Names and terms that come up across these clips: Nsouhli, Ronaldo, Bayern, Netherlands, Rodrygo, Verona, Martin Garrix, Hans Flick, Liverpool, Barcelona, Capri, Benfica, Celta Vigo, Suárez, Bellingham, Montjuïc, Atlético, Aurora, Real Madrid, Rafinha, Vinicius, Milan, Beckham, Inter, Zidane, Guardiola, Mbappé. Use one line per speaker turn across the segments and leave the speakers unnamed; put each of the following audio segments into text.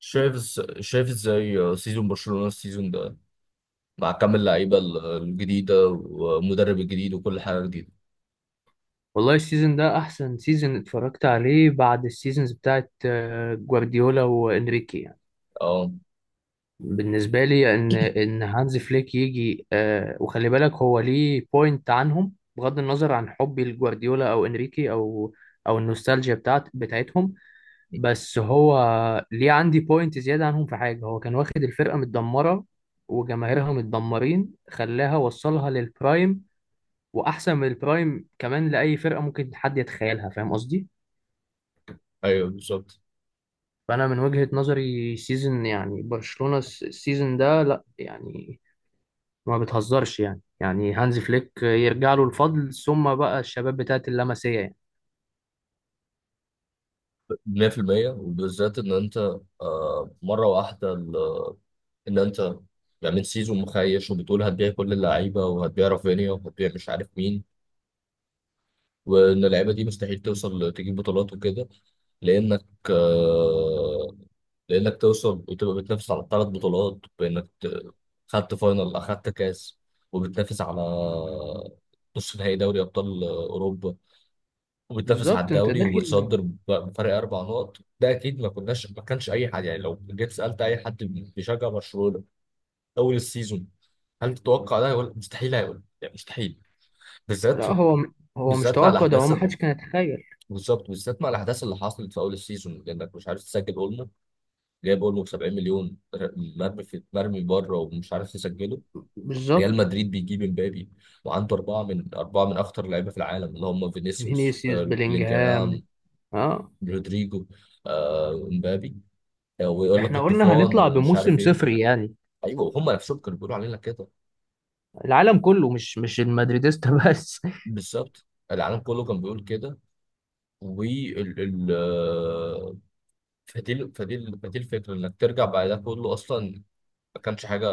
شايف ازاي سيزون برشلونة السيزون ده مع كم اللعيبة الجديدة والمدرب الجديد وكل حاجة جديدة.
والله السيزون ده احسن سيزون اتفرجت عليه بعد السيزونز بتاعت جوارديولا وانريكي يعني.
اه،
بالنسبه لي ان هانز فليك يجي، وخلي بالك هو ليه بوينت عنهم، بغض النظر عن حبي لجوارديولا او انريكي او النوستالجيا بتاعتهم. بس هو ليه عندي بوينت زياده عنهم في حاجه، هو كان واخد الفرقه متدمره وجماهيرها متدمرين، خلاها وصلها للبرايم، واحسن من البرايم كمان لاي فرقه ممكن حد يتخيلها، فاهم قصدي؟
ايوه بالظبط.
فانا من وجهة نظري سيزن يعني برشلونة السيزون ده، لا يعني ما بتهزرش، يعني هانز فليك يرجع له الفضل، ثم بقى الشباب بتاعت اللمسية يعني.
100% وبالذات ان انت، آه، مرة واحدة ان انت من سيزون مخيش وبتقول هتبيع كل اللعيبة وهتبيع رافينيا وهتبيع مش عارف مين، وان اللعيبة دي مستحيل توصل تجيب بطولات وكده. لانك آه، لانك توصل وتبقى بتنافس على 3 بطولات، خدت فاينل، اخدت كاس، وبتنافس على نص نهائي دوري ابطال اوروبا، وبتنافس على
بالظبط انت
الدوري
داخل.
ومتصدر بفرق 4 نقط. ده اكيد ما كانش اي حد، يعني لو جيت سالت اي حد بيشجع برشلونه اول السيزون هل تتوقع ده، هيقول مستحيل، هيقول يعني مستحيل. بالذات
لا هو مش
بالذات مع
توقع، ده هو
الاحداث
ما
اللي،
حدش كان يتخيل.
بالظبط بالذات مع الاحداث اللي حصلت في اول السيزون، لانك مش عارف تسجل، جايب اولمو ب 70 مليون مرمي في مرمي بره ومش عارف يسجله.
بالظبط.
ريال مدريد بيجيب امبابي، وعنده اربعه من اخطر اللعيبه في العالم، اللي هم فينيسيوس،
فينيسيوس بلينجهام.
بلينجهام،
اه،
رودريجو، امبابي، ويقول لك
احنا قلنا
الطوفان
هنطلع
ومش عارف
بموسم
ايه.
صفري يعني.
ايوه هم نفسهم كانوا بيقولوا علينا كده.
العالم كله مش المدريديستا بس.
بالظبط، العالم كله كان بيقول كده. وال ال آه، فدي الفكره انك ترجع بعد ده كله اصلا ما كانش حاجه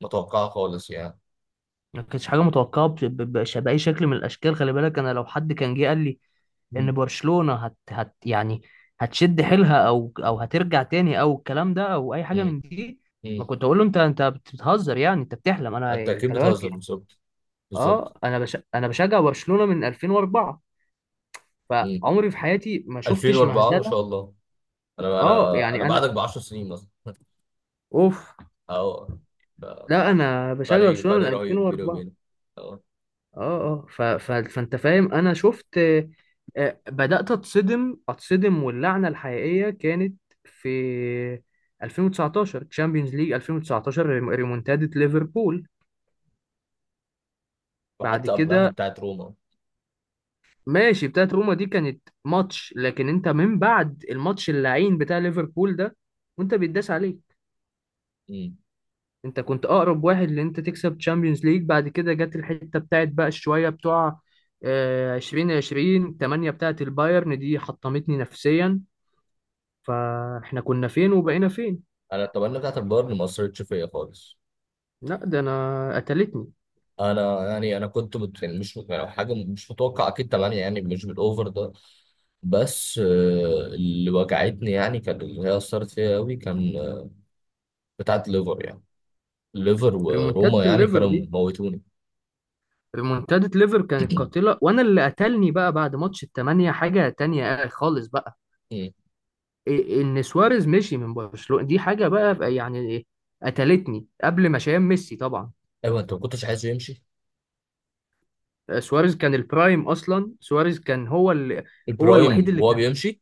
متوقعه خالص يعني.
ما كانتش حاجه متوقعه باي شكل من الاشكال. خلي بالك، انا لو حد كان جه قال لي ان
مم.
برشلونة هت يعني هتشد حيلها، او هترجع تاني، او الكلام ده، او اي حاجة
مم.
من دي، ما
مم.
كنت اقول له انت بتهزر يعني، انت بتحلم، انا
انت
يعني
اكيد
خلي بالك
بتهزر،
يعني.
بالظبط،
اه،
بالظبط.
انا بشجع برشلونة من 2004.
مم.
فعمري في حياتي ما شفتش
2004، ما
مهزلة.
شاء الله. انا
اه
انا انا
يعني
بعدك
انا،
ب 10 سنين مثلا.
اوف.
اه، ف-
لا انا بشجع
فرق
برشلونة
فرق
من
رهيب بيني
2004.
وبينك. اه،
اه، اه، فانت فاهم انا شفت، بدأت اتصدم، واللعنة الحقيقية كانت في 2019، تشامبيونز ليج 2019، ريمونتادة ليفربول. بعد
وحتى قبلها
كده،
بتاعت روما.
ماشي، بتاعت روما دي كانت ماتش، لكن انت من بعد الماتش اللعين بتاع ليفربول ده، وانت بيتداس عليك،
مم.
انت كنت اقرب واحد لان انت تكسب تشامبيونز ليج. بعد كده جت الحتة بتاعت بقى شوية بتوع 2020 8 بتاعت البايرن دي، حطمتني نفسيا. فاحنا كنا فين وبقينا فين.
انا اتمنى بتاعت البايرن ما اثرتش فيا خالص.
لا ده انا قتلتني.
انا يعني انا كنت مت... يعني مش يعني حاجه مش متوقع اكيد طبعا، يعني مش بالاوفر ده، بس آه، اللي وجعتني يعني كان، اللي هي اثرت فيا قوي كان، آه، بتاعت ليفر يعني، ليفر وروما
ريمونتادة
يعني
الليفر
كانوا
دي،
موتوني.
ريمونتادة ليفر كانت قاتلة، وانا اللي قتلني بقى بعد ماتش التمانية حاجة تانية خالص بقى.
مم.
ان سواريز مشي من برشلونة، دي حاجة بقى يعني إيه، قتلتني قبل ما شايف ميسي طبعا.
ايوه انت ما كنتش عايزه يمشي.
سواريز كان البرايم اصلا، سواريز كان هو الوحيد
البرايم
اللي
وهو
كان،
بيمشي،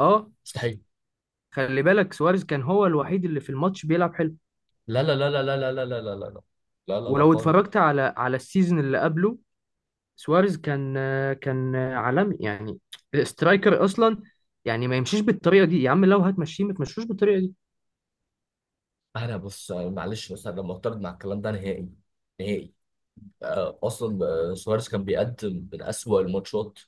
اه.
مستحيل.
خلي بالك، سواريز كان هو الوحيد اللي في الماتش بيلعب حلو،
لا لا لا لا لا لا لا لا لا لا، لا لا لا
ولو
خالص.
اتفرجت على السيزون اللي قبله، سواريز كان عالمي يعني، الاسترايكر اصلا. يعني ما يمشيش بالطريقه دي يا عم، لو هتمشيه ما تمشوش بالطريقه دي.
انا بص معلش بس انا معترض مع الكلام ده نهائي، نهائي. اصلا سواريز كان بيقدم من اسوأ الماتشات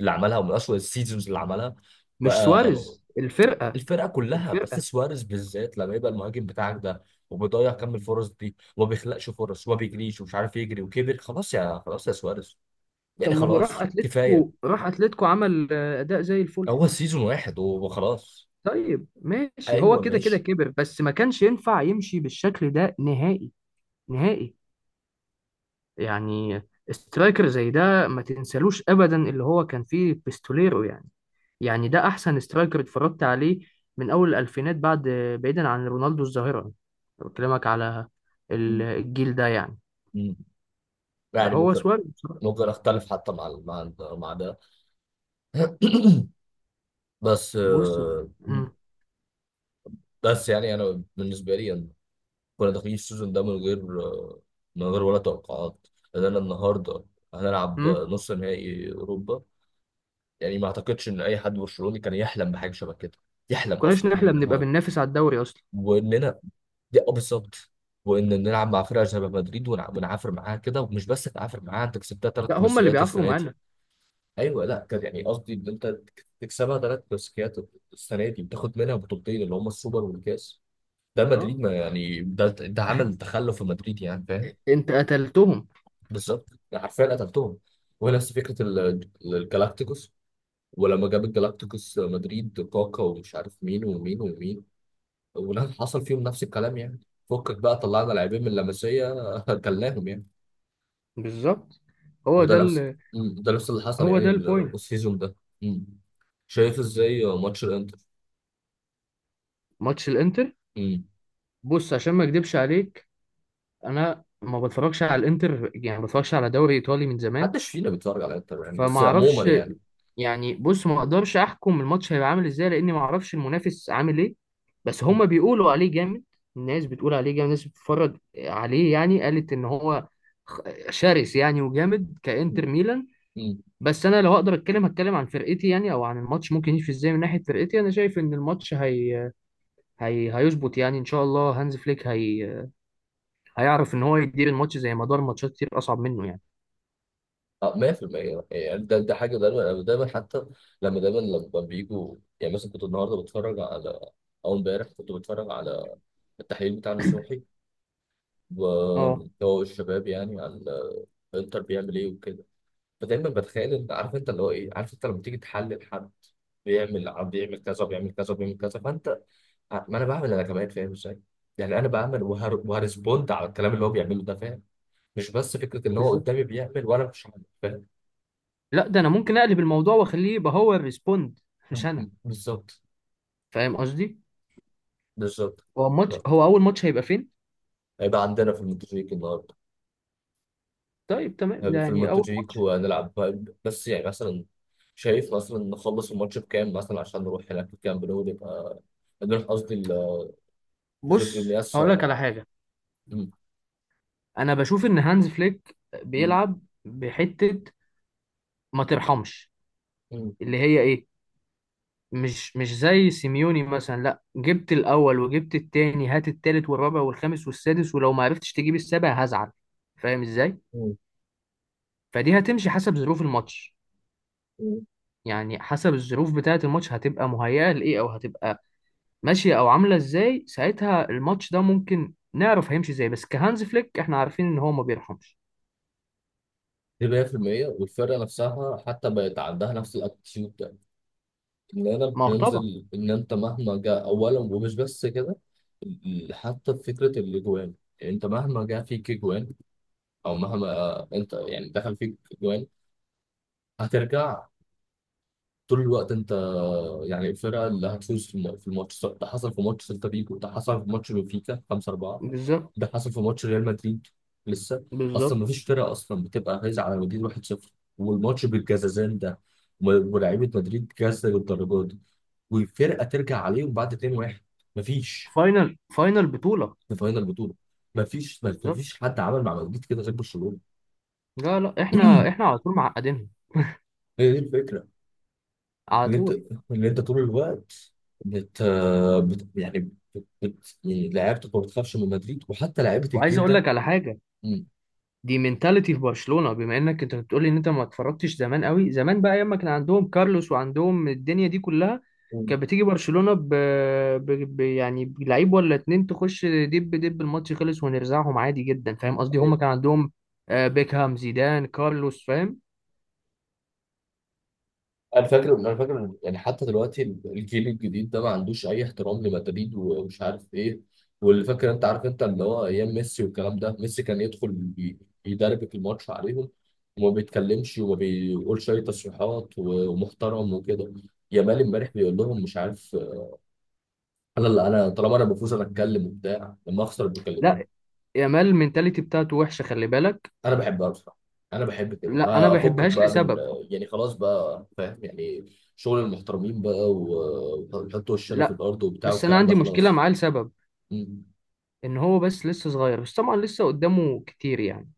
اللي عملها، ومن اسوأ السيزونز اللي عملها
مش
بقى.
سواريز، الفرقه
الفرقه كلها، بس
الفرقه
سواريز بالذات لما يبقى المهاجم بتاعك ده، وبيضيع كم الفرص دي، وما بيخلقش فرص، وما بيجريش ومش عارف يجري، وكبر خلاص، يا خلاص يا سواريز،
طب
يعني
ما هو راح
خلاص
اتلتيكو
كفايه.
راح اتلتيكو عمل اداء زي الفل.
هو سيزون واحد وخلاص.
طيب ماشي، هو
ايوه
كده كده
ماشي.
كبر، بس ما كانش ينفع يمشي بالشكل ده نهائي، نهائي. يعني سترايكر زي ده ما تنسالوش ابدا، اللي هو كان فيه بيستوليرو يعني ده احسن سترايكر اتفرجت عليه من اول الالفينات، بعد، بعيدا عن رونالدو الظاهره، أنا بكلمك على الجيل ده يعني.
مم. يعني
هو
ممكن،
سواريز بصراحة.
ممكن اختلف حتى مع ده. بس
بص،
آه، مم.
امم
بس يعني انا بالنسبه لي أنا، كنا داخلين السيزون ده من غير آه، من غير ولا توقعات، لان انا النهارده هنلعب
امم
نص نهائي اوروبا، يعني ما اعتقدش ان اي حد برشلوني كان يحلم بحاجه شبه كده، يحلم
كناش
اصلا
نحلم نبقى
النهارده.
بننافس على الدوري اصلا.
واننا، دي اه بالظبط، وان نلعب مع فرقه شبه مدريد ونعافر معاها كده، ومش بس تعافر معاها، انت كسبتها ثلاث
لا هم اللي
كلاسيكيات
بيعافروا
السنه دي.
معانا.
ايوه لا، كان يعني قصدي ان انت تكسبها 3 كلاسيكيات السنه دي، بتاخد منها 2 بطولة اللي هم السوبر والكاس. ده
اه،
مدريد، ما يعني ده، ده عمل تخلف في مدريد، يعني فاهم.
انت قتلتهم.
بالظبط، حرفيا قتلتهم. ونفس فكره الجالاكتيكوس، ولما جاب الجالاكتيكوس مدريد كاكا ومش عارف مين ومين ومين، ونفس حصل فيهم نفس الكلام يعني. فكك بقى، طلعنا لاعبين من لاماسيا كلناهم يعني.
بالظبط. هو
وده
ده
نفس
ال...
ده نفس اللي حصل
هو
يعني
ده البوينت.
السيزون ده. مم. شايف ازاي ماتش الانتر؟
ماتش الانتر، بص عشان ما اكدبش عليك، انا ما بتفرجش على الانتر، يعني ما بتفرجش على دوري ايطالي من زمان،
محدش فينا بيتفرج على انتر يعني،
فما
بس
اعرفش.
عموما يعني.
يعني بص، ما اقدرش احكم الماتش هيبقى عامل ازاي، لاني ما اعرفش المنافس عامل ايه، بس هما بيقولوا عليه جامد، الناس بتقول عليه جامد، الناس بتتفرج عليه يعني قالت ان هو خ- شرس يعني وجامد، كانتر ميلان.
امم،
بس انا لو اقدر اتكلم هتكلم عن فرقتي يعني، او عن الماتش ممكن يمشي ازاي من ناحيه فرقتي، انا شايف ان الماتش هيظبط يعني، ان شاء الله هانز فليك هيعرف ان هو يدير الماتش زي ما دار ماتشات كتير اصعب منه يعني.
اه، 100%. يعني يعني ده ده حاجه دايما، أنا دايما حتى لما، دايما لما بيجوا، يعني مثلا كنت النهارده بتفرج على، او امبارح كنت بتفرج على التحليل بتاع نصوحي،
اه
وهو الشباب يعني على انتر بيعمل ايه وكده، فدايما بتخيل ان، عارف انت اللي هو ايه، عارف انت لما تيجي تحلل حد بيعمل، عم بيعمل كذا، بيعمل كذا، بيعمل كذا، فانت ما انا بعمل انا كمان فاهم ازاي. يعني انا بعمل وهرسبوند على الكلام اللي هو بيعمله ده، مش بس فكرة إن هو
بالظبط.
قدامي بيعمل وأنا مش عارف، فاهم.
لا ده انا ممكن اقلب الموضوع واخليه يبقى هو الريسبوند، مش انا،
بالظبط،
فاهم قصدي؟
بالظبط. آه.
هو اول ماتش هيبقى فين؟
هيبقى عندنا في المونتاجيك النهاردة.
طيب تمام
هيبقى في
يعني اول
المونتاجيك
ماتش.
وهنلعب بس يعني مثلا شايف مثلا نخلص الماتش بكام مثلا عشان نروح هناك الكامب نو، نبقى نروح قصدي جوزيبي
بص هقول لك
مياسا.
على حاجه،
مم.
انا بشوف ان هانز فليك
مم.
بيلعب بحته، ما ترحمش،
مم.
اللي هي ايه، مش زي سيميوني مثلا. لا، جبت الاول وجبت التاني، هات التالت والرابع والخامس والسادس، ولو ما عرفتش تجيب السابع هزعل، فاهم ازاي؟ فدي هتمشي حسب ظروف الماتش
مم.
يعني، حسب الظروف بتاعه الماتش هتبقى مهيئه لايه، او هتبقى ماشيه او عامله ازاي ساعتها، الماتش ده ممكن نعرف هيمشي ازاي، بس كهانز فليك احنا عارفين ان هو ما بيرحمش.
دي 100%. والفرقة نفسها حتى بقت عندها نفس الاتيتيود، العنب
ما هو طبعا.
بينزل، ان انت مهما جاء اولا، ومش بس كده، حتى في فكره الاجوان، يعني انت مهما جاء فيك اجوان، او مهما آه، انت يعني دخل فيك اجوان، هترجع. طول الوقت انت، آه، يعني الفرقه اللي هتفوز في في الماتش، سواء ده حصل في ماتش سيلتا فيجو، ده حصل في ماتش بنفيكا 5 4،
بالظبط،
ده حصل في ماتش ريال مدريد لسه اصلا.
بالظبط.
مفيش فرقه اصلا بتبقى فايزه على مدريد 1-0، والماتش بالجزازان ده، ولاعيبه مدريد جازه للدرجه دي، وفرقه ترجع عليهم بعد 2-1 مفيش،
فاينل، فاينل بطوله.
في فاينل بطوله. مفيش،
بالظبط.
مفيش حد عمل مع مدريد كده زي برشلونه.
لا لا، احنا على طول معقدينهم.
هي دي الفكره،
على
ان انت،
طول.
ان انت طول الوقت، بت, بت... يعني يعني لعيبتك ما بتخافش من مدريد، وحتى لعيبه
وعايز
الجيل
اقول
ده.
لك على حاجه، دي منتاليتي في برشلونة، بما انك انت بتقولي ان انت ما اتفرجتش زمان قوي، زمان بقى ايام ما كان عندهم كارلوس وعندهم الدنيا دي كلها،
مم.
كانت بتيجي برشلونة ب... يعني بلعيب ولا اتنين، تخش دب دب، الماتش خلص ونرزعهم عادي جدا، فاهم قصدي؟ هم كان عندهم بيكهام، زيدان، كارلوس، فاهم.
انا فاكر يعني حتى دلوقتي الجيل الجديد ده ما عندوش اي احترام لمدريد ومش عارف ايه. واللي فاكر انت عارف انت اللي هو ايام ميسي والكلام ده، ميسي كان يدخل يدربك الماتش عليهم، وما بيتكلمش وما بيقولش اي تصريحات، ومحترم وكده. يامال امبارح بيقول لهم مش عارف، انا اللي انا طالما انا بفوز انا اتكلم وبتاع، لما اخسر بيكلموني.
لا، يامال المنتاليتي بتاعته وحشة، خلي بالك.
انا بحبها بصراحه، انا بحب كده،
لا انا
ما
ما
افكك
بحبهاش
بقى من،
لسبب.
يعني خلاص بقى فاهم يعني، شغل المحترمين بقى، وحط وشنا في
لا
الارض وبتاع
بس انا
والكلام ده
عندي مشكلة
خلاص.
معاه لسبب، ان هو بس لسه صغير، بس طبعا لسه قدامه كتير يعني.